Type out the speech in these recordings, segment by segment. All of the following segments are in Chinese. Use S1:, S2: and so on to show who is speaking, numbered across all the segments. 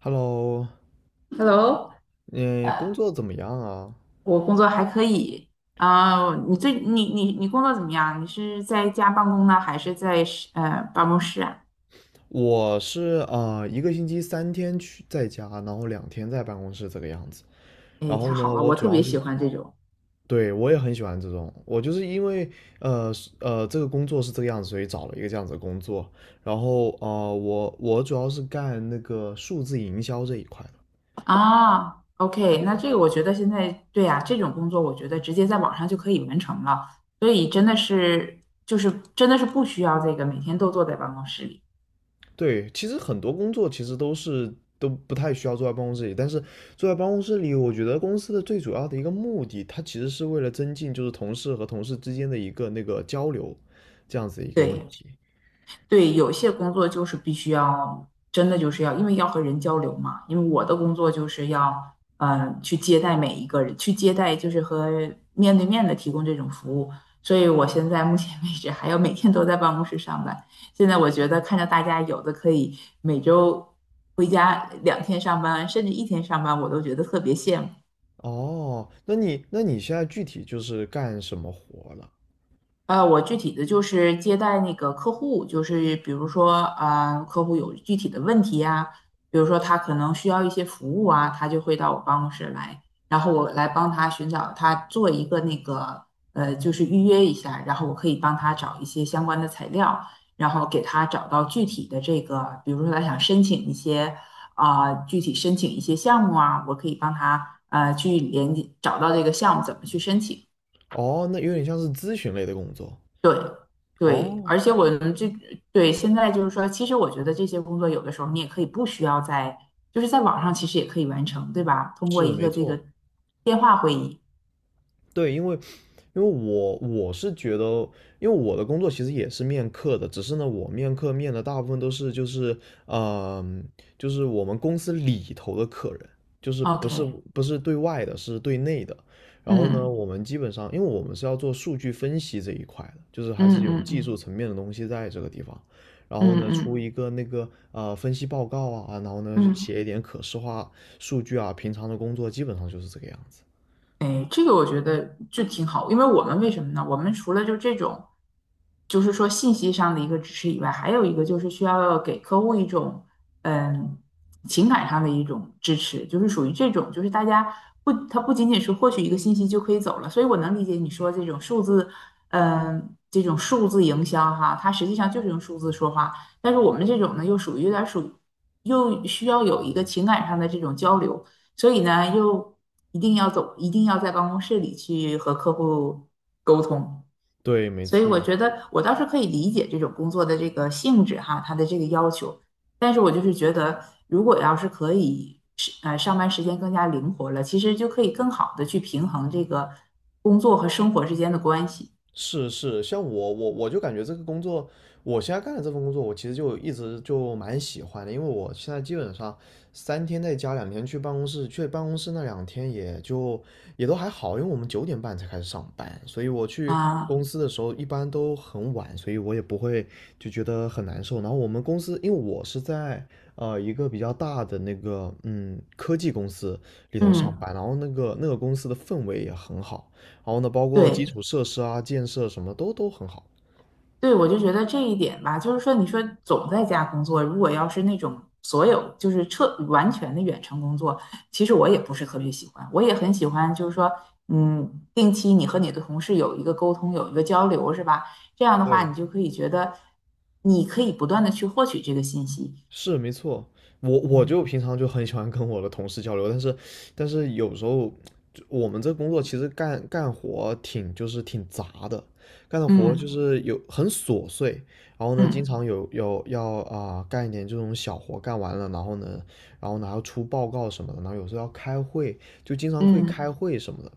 S1: Hello，
S2: Hello，
S1: 嗯，工
S2: 呃，
S1: 作怎么样啊？
S2: 我工作还可以。啊，你最你你你工作怎么样？你是在家办公呢，还是在办公室啊？
S1: 我是1个星期三天去在家，然后两天在办公室这个样子。
S2: 哎，
S1: 然
S2: 太
S1: 后
S2: 好
S1: 呢，
S2: 了，
S1: 我
S2: 我
S1: 主
S2: 特
S1: 要
S2: 别喜
S1: 是，
S2: 欢这种。
S1: 对，我也很喜欢这种。我就是因为是这个工作是这个样子，所以找了一个这样子的工作。然后我主要是干那个数字营销这一块的。
S2: 啊，OK，那这个我觉得现在对呀、这种工作我觉得直接在网上就可以完成了，所以真的是不需要这个每天都坐在办公室里。
S1: 对，其实很多工作其实都不太需要坐在办公室里，但是坐在办公室里，我觉得公司的最主要的一个目的，它其实是为了增进就是同事和同事之间的一个那个交流，这样子一个问
S2: 对，
S1: 题。
S2: 对，有些工作就是必须要，真的就是要，因为要和人交流嘛。因为我的工作就是要，去接待每一个人，去接待就是和面对面的提供这种服务。所以我现在目前为止还要每天都在办公室上班。现在我觉得看着大家有的可以每周回家2天上班，甚至1天上班，我都觉得特别羡慕。
S1: 哦，那你现在具体就是干什么活了？
S2: 我具体的就是接待那个客户，就是比如说，客户有具体的问题呀、比如说他可能需要一些服务啊，他就会到我办公室来，然后我来帮他寻找，他做一个那个，就是预约一下，然后我可以帮他找一些相关的材料，然后给他找到具体的这个，比如说他想申请一些，具体申请一些项目啊，我可以帮他，去连接找到这个项目怎么去申请。
S1: 哦，那有点像是咨询类的工作。
S2: 对对，
S1: 哦，
S2: 而且我们这，对，现在就是说，其实我觉得这些工作有的时候你也可以不需要在，就是在网上其实也可以完成，对吧？通过
S1: 是
S2: 一
S1: 没
S2: 个这
S1: 错。
S2: 个电话会议。
S1: 对，因为我是觉得，因为我的工作其实也是面客的，只是呢，我面客面的大部分都是就是嗯、就是我们公司里头的客人，就是不是
S2: OK,
S1: 对外的，是对内的。然后呢，
S2: 嗯
S1: 我们基本上，因为我们是要做数据分析这一块的，就是还
S2: 嗯
S1: 是有
S2: 嗯
S1: 技
S2: 嗯
S1: 术层面的东西在这个地方。然后
S2: 嗯
S1: 呢，
S2: 嗯
S1: 出
S2: 嗯。
S1: 一个那个分析报告啊，然后呢
S2: 嗯，
S1: 写一点可视化数据啊，平常的工作基本上就是这个样子。
S2: 哎，这个我觉得就挺好，因为我们为什么呢？我们除了就这种，就是说信息上的一个支持以外，还有一个就是需要给客户一种嗯情感上的一种支持，就是属于这种，就是大家不，他不仅仅是获取一个信息就可以走了，所以我能理解你说这种数字，嗯，这种数字营销哈，它实际上就是用数字说话，但是我们这种呢，又属于有点儿属于又需要有一个情感上的这种交流。所以呢，又一定要走，一定要在办公室里去和客户沟通。
S1: 对，没
S2: 所以我
S1: 错。
S2: 觉得我倒是可以理解这种工作的这个性质哈，它的这个要求。但是我就是觉得，如果要是可以上班时间更加灵活了，其实就可以更好的去平衡这个工作和生活之间的关系
S1: 是是，像我就感觉这个工作，我现在干的这份工作，我其实就一直就蛮喜欢的，因为我现在基本上三天在家，两天去办公室，去办公室那两天也就也都还好，因为我们9点半才开始上班，所以我去公
S2: 啊。
S1: 司的时候一般都很晚，所以我也不会就觉得很难受。然后我们公司，因为我是在一个比较大的那个科技公司里头上
S2: 嗯，
S1: 班，然后那个公司的氛围也很好。然后呢，包括基
S2: 对。
S1: 础设施啊、建设什么都很好。
S2: 对，我就觉得这一点吧，就是说，你说总在家工作，如果要是那种所有就是彻完全的远程工作，其实我也不是特别喜欢。我也很喜欢，就是说，定期你和你的同事有一个沟通，有一个交流，是吧？这样的话，
S1: 对，
S2: 你就可以觉得你可以不断的去获取这个信息。
S1: 是没错，我就平常就很喜欢跟我的同事交流，但是有时候就我们这工作其实干活挺就是挺杂的，干的活就
S2: 嗯
S1: 是有很琐碎，然后呢，经
S2: 嗯
S1: 常有要啊、干一点这种小活干完了，然后呢，还要出报告什么的，然后有时候要开会，就经常会开
S2: 嗯，
S1: 会什么的，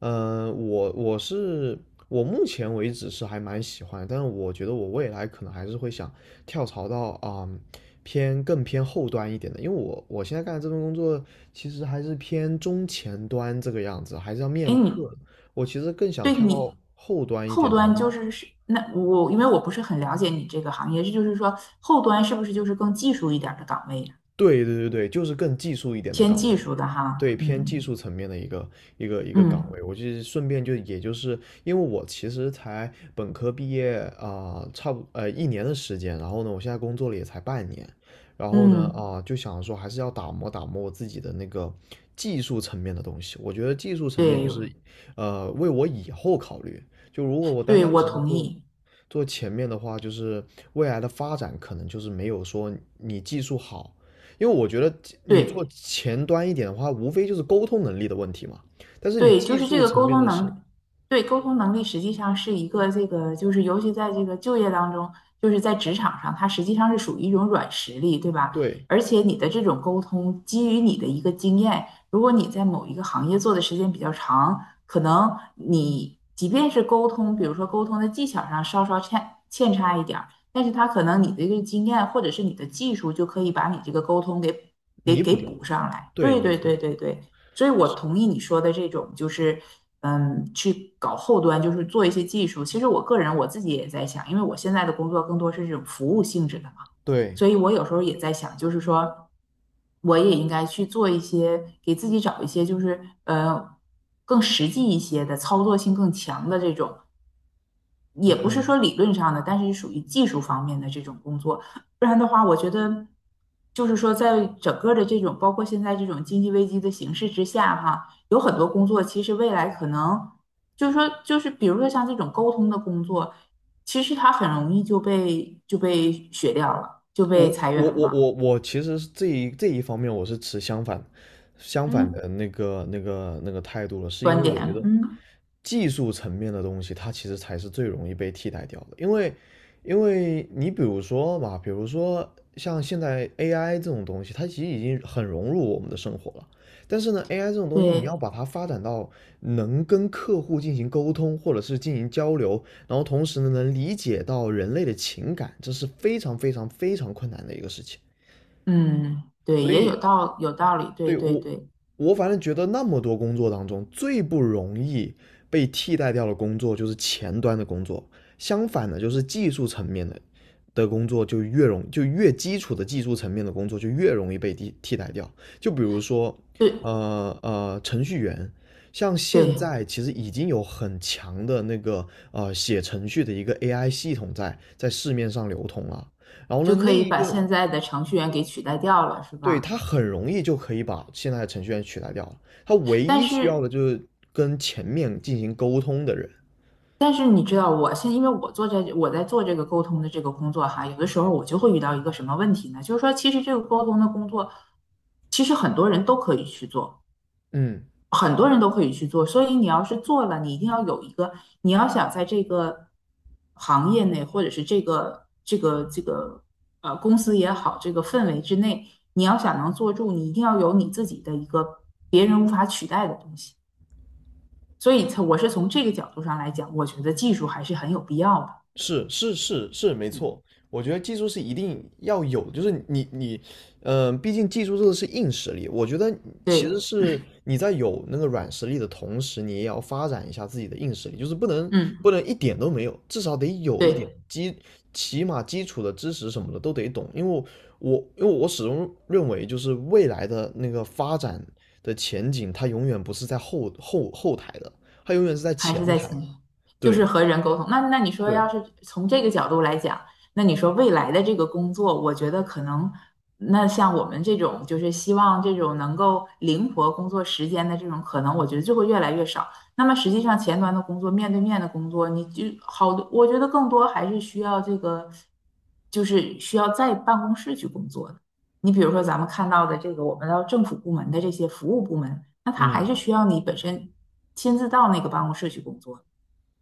S1: 嗯，我我是我目前为止是还蛮喜欢，但是我觉得我未来可能还是会想跳槽到更偏后端一点的，因为我现在干的这份工作其实还是偏中前端这个样子，还是要
S2: 哎，
S1: 面客，我其实更想
S2: 对，
S1: 跳到
S2: 你
S1: 后端一
S2: 后
S1: 点的。
S2: 端就是是那我，因为我不是很了解你这个行业，这就是说后端是不是就是更技术一点儿的岗位，
S1: 对对对对，就是更技术一点的
S2: 偏
S1: 岗
S2: 技
S1: 位，
S2: 术的哈，
S1: 对，偏技
S2: 嗯
S1: 术层面的一个岗
S2: 嗯
S1: 位。我就是顺便就也就是因为我其实才本科毕业啊、差不1年的时间，然后呢，我现在工作了也才半年，然后呢
S2: 嗯，
S1: 就想说还是要打磨打磨我自己的那个技术层面的东西。我觉得技术层面就
S2: 对
S1: 是为我以后考虑，就如果我单
S2: 对，
S1: 单
S2: 我
S1: 只是
S2: 同
S1: 做。
S2: 意，
S1: 做前面的话，就是未来的发展可能就是没有说你技术好，因为我觉得你做
S2: 对。
S1: 前端一点的话，无非就是沟通能力的问题嘛。但是你
S2: 对，就
S1: 技
S2: 是这
S1: 术
S2: 个
S1: 层
S2: 沟
S1: 面
S2: 通
S1: 的是，
S2: 能，对，沟通能力实际上是一个这个，就是尤其在这个就业当中，就是在职场上，它实际上是属于一种软实力，对吧？
S1: 对，
S2: 而且你的这种沟通基于你的一个经验，如果你在某一个行业做的时间比较长，可能你即便是沟通，比如说沟通的技巧上稍稍欠差一点儿，但是他可能你的这个经验或者是你的技术就可以把你这个沟通给
S1: 弥补掉，
S2: 补上来。
S1: 对，
S2: 对
S1: 没
S2: 对
S1: 错，
S2: 对对对。所以我同意你说的这种，就是去搞后端，就是做一些技术。其实我个人我自己也在想，因为我现在的工作更多是这种服务性质的嘛，
S1: 对，
S2: 所以我有时候也在想，就是说我也应该去做一些，给自己找一些，就是更实际一些的操作性更强的这种。也
S1: 嗯
S2: 不是
S1: 嗯，
S2: 说理论上的，但是属于技术方面的这种工作。不然的话，我觉得就是说，在整个的这种包括现在这种经济危机的形势之下，哈，有很多工作其实未来可能就是说，就是比如说像这种沟通的工作，其实它很容易就被雪掉了，就
S1: 我
S2: 被裁员了。
S1: 我其实是这一方面我是持相反
S2: 嗯，
S1: 的那个态度了，是因为
S2: 观
S1: 我觉
S2: 点，
S1: 得
S2: 嗯，
S1: 技术层面的东西，它其实才是最容易被替代掉的，因为你比如说嘛，比如说像现在 AI 这种东西，它其实已经很融入我们的生活了。但是呢，AI 这种东西，你要
S2: 对，
S1: 把它发展到能跟客户进行沟通，或者是进行交流，然后同时呢，能理解到人类的情感，这是非常非常非常困难的一个事情。
S2: 嗯，对，
S1: 所
S2: 也
S1: 以
S2: 有道理，对
S1: 对
S2: 对
S1: 我，
S2: 对
S1: 我反正觉得那么多工作当中，最不容易被替代掉的工作就是前端的工作，相反的，就是技术层面的工作就越容就越基础的技术层面的工作就越容易被替代掉。就比如说，
S2: 对
S1: 程序员，像现
S2: 对。
S1: 在其实已经有很强的那个写程序的一个 AI 系统在市面上流通了。然后呢，
S2: 就可
S1: 那
S2: 以
S1: 一
S2: 把
S1: 个
S2: 现在的程序员给取代掉了，是
S1: 对，
S2: 吧？
S1: 他很容易就可以把现在的程序员取代掉了。他唯
S2: 但
S1: 一需要
S2: 是，
S1: 的就是跟前面进行沟通的人。
S2: 你知道，我，因为我我在做这个沟通的这个工作哈，有的时候我就会遇到一个什么问题呢？就是说，其实这个沟通的工作，其实很多人都可以去做，
S1: 嗯，
S2: 很多人都可以去做。所以你要是做了，你一定要有一个，你要想在这个行业内，或者是这个公司也好，这个氛围之内，你要想能做住，你一定要有你自己的一个别人无法取代的东西。所以是从这个角度上来讲，我觉得技术还是很有必要的。
S1: 是是是是，没
S2: 嗯，
S1: 错。我觉得技术是一定要有就是你，毕竟技术这个是硬实力。我觉得其实
S2: 对，
S1: 是你在有那个软实力的同时，你也要发展一下自己的硬实力，就是不
S2: 嗯，
S1: 能一点都没有，至少得有一点
S2: 对。
S1: 起码基础的知识什么的都得懂。因为我始终认为，就是未来的那个发展的前景，它永远不是在后台的，它永远是在
S2: 还是
S1: 前
S2: 在
S1: 台的
S2: 前面，就是
S1: 对
S2: 和人沟通。那你说，
S1: 对，
S2: 要是从这个角度来讲，那你说未来的这个工作，我觉得可能，那像我们这种就是希望这种能够灵活工作时间的这种，可能我觉得就会越来越少。那么实际上前端的工作，面对面的工作，你就好多，我觉得更多还是需要这个，就是需要在办公室去工作的。你比如说咱们看到的这个，我们到政府部门的这些服务部门。那他还
S1: 嗯。
S2: 是需要你本身亲自到那个办公室去工作，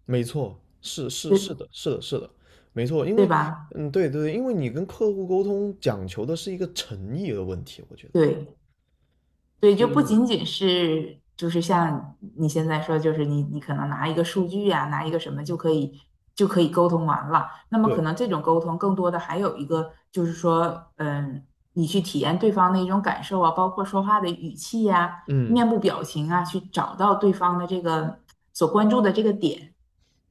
S1: 没错，是是是
S2: 对，
S1: 的，是的，是的，没错，因
S2: 对
S1: 为，
S2: 吧？
S1: 嗯，对对对，因为你跟客户沟通讲求的是一个诚意的问题，我觉得
S2: 对对，就
S1: 就是
S2: 不
S1: 你
S2: 仅仅是就是像你现在说，就是你可能拿一个数据啊，拿一个什么就可以沟通完了。那么可
S1: 对，
S2: 能这种沟通更多的还有一个就是说，你去体验对方的一种感受啊，包括说话的语气呀、
S1: 嗯，
S2: 面部表情啊，去找到对方的这个所关注的这个点。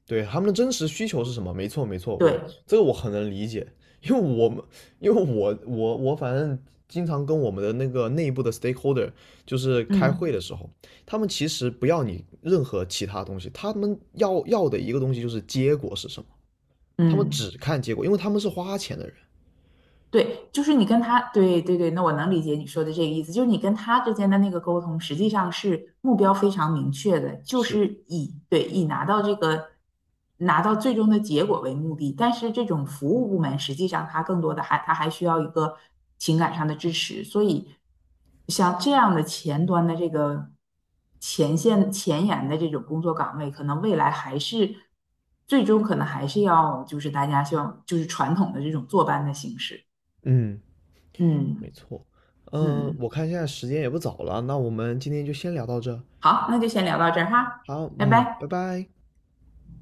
S1: 对，他们的真实需求是什么？没错，没错，我
S2: 对，
S1: 这个我很能理解，因为我们，因为我反正经常跟我们的那个内部的 stakeholder 就是开会
S2: 嗯
S1: 的时候，他们其实不要你任何其他东西，他们要的一个东西就是结果是什么，他们只
S2: 嗯。
S1: 看结果，因为他们是花钱的人。
S2: 对，就是你跟他，对对对，那我能理解你说的这个意思，就是你跟他之间的那个沟通，实际上是目标非常明确的，就
S1: 是，
S2: 是以拿到拿到最终的结果为目的。但是这种服务部门，实际上它更多的它还需要一个情感上的支持，所以像这样的前端的这个前线前沿的这种工作岗位，可能未来还是最终可能还是要就是大家像就是传统的这种坐班的形式。
S1: 嗯，没
S2: 嗯
S1: 错，我
S2: 嗯，
S1: 看现在时间也不早了，那我们今天就先聊到这。
S2: 好，那就先聊到这儿哈，
S1: 好，
S2: 拜
S1: 嗯，拜
S2: 拜。
S1: 拜。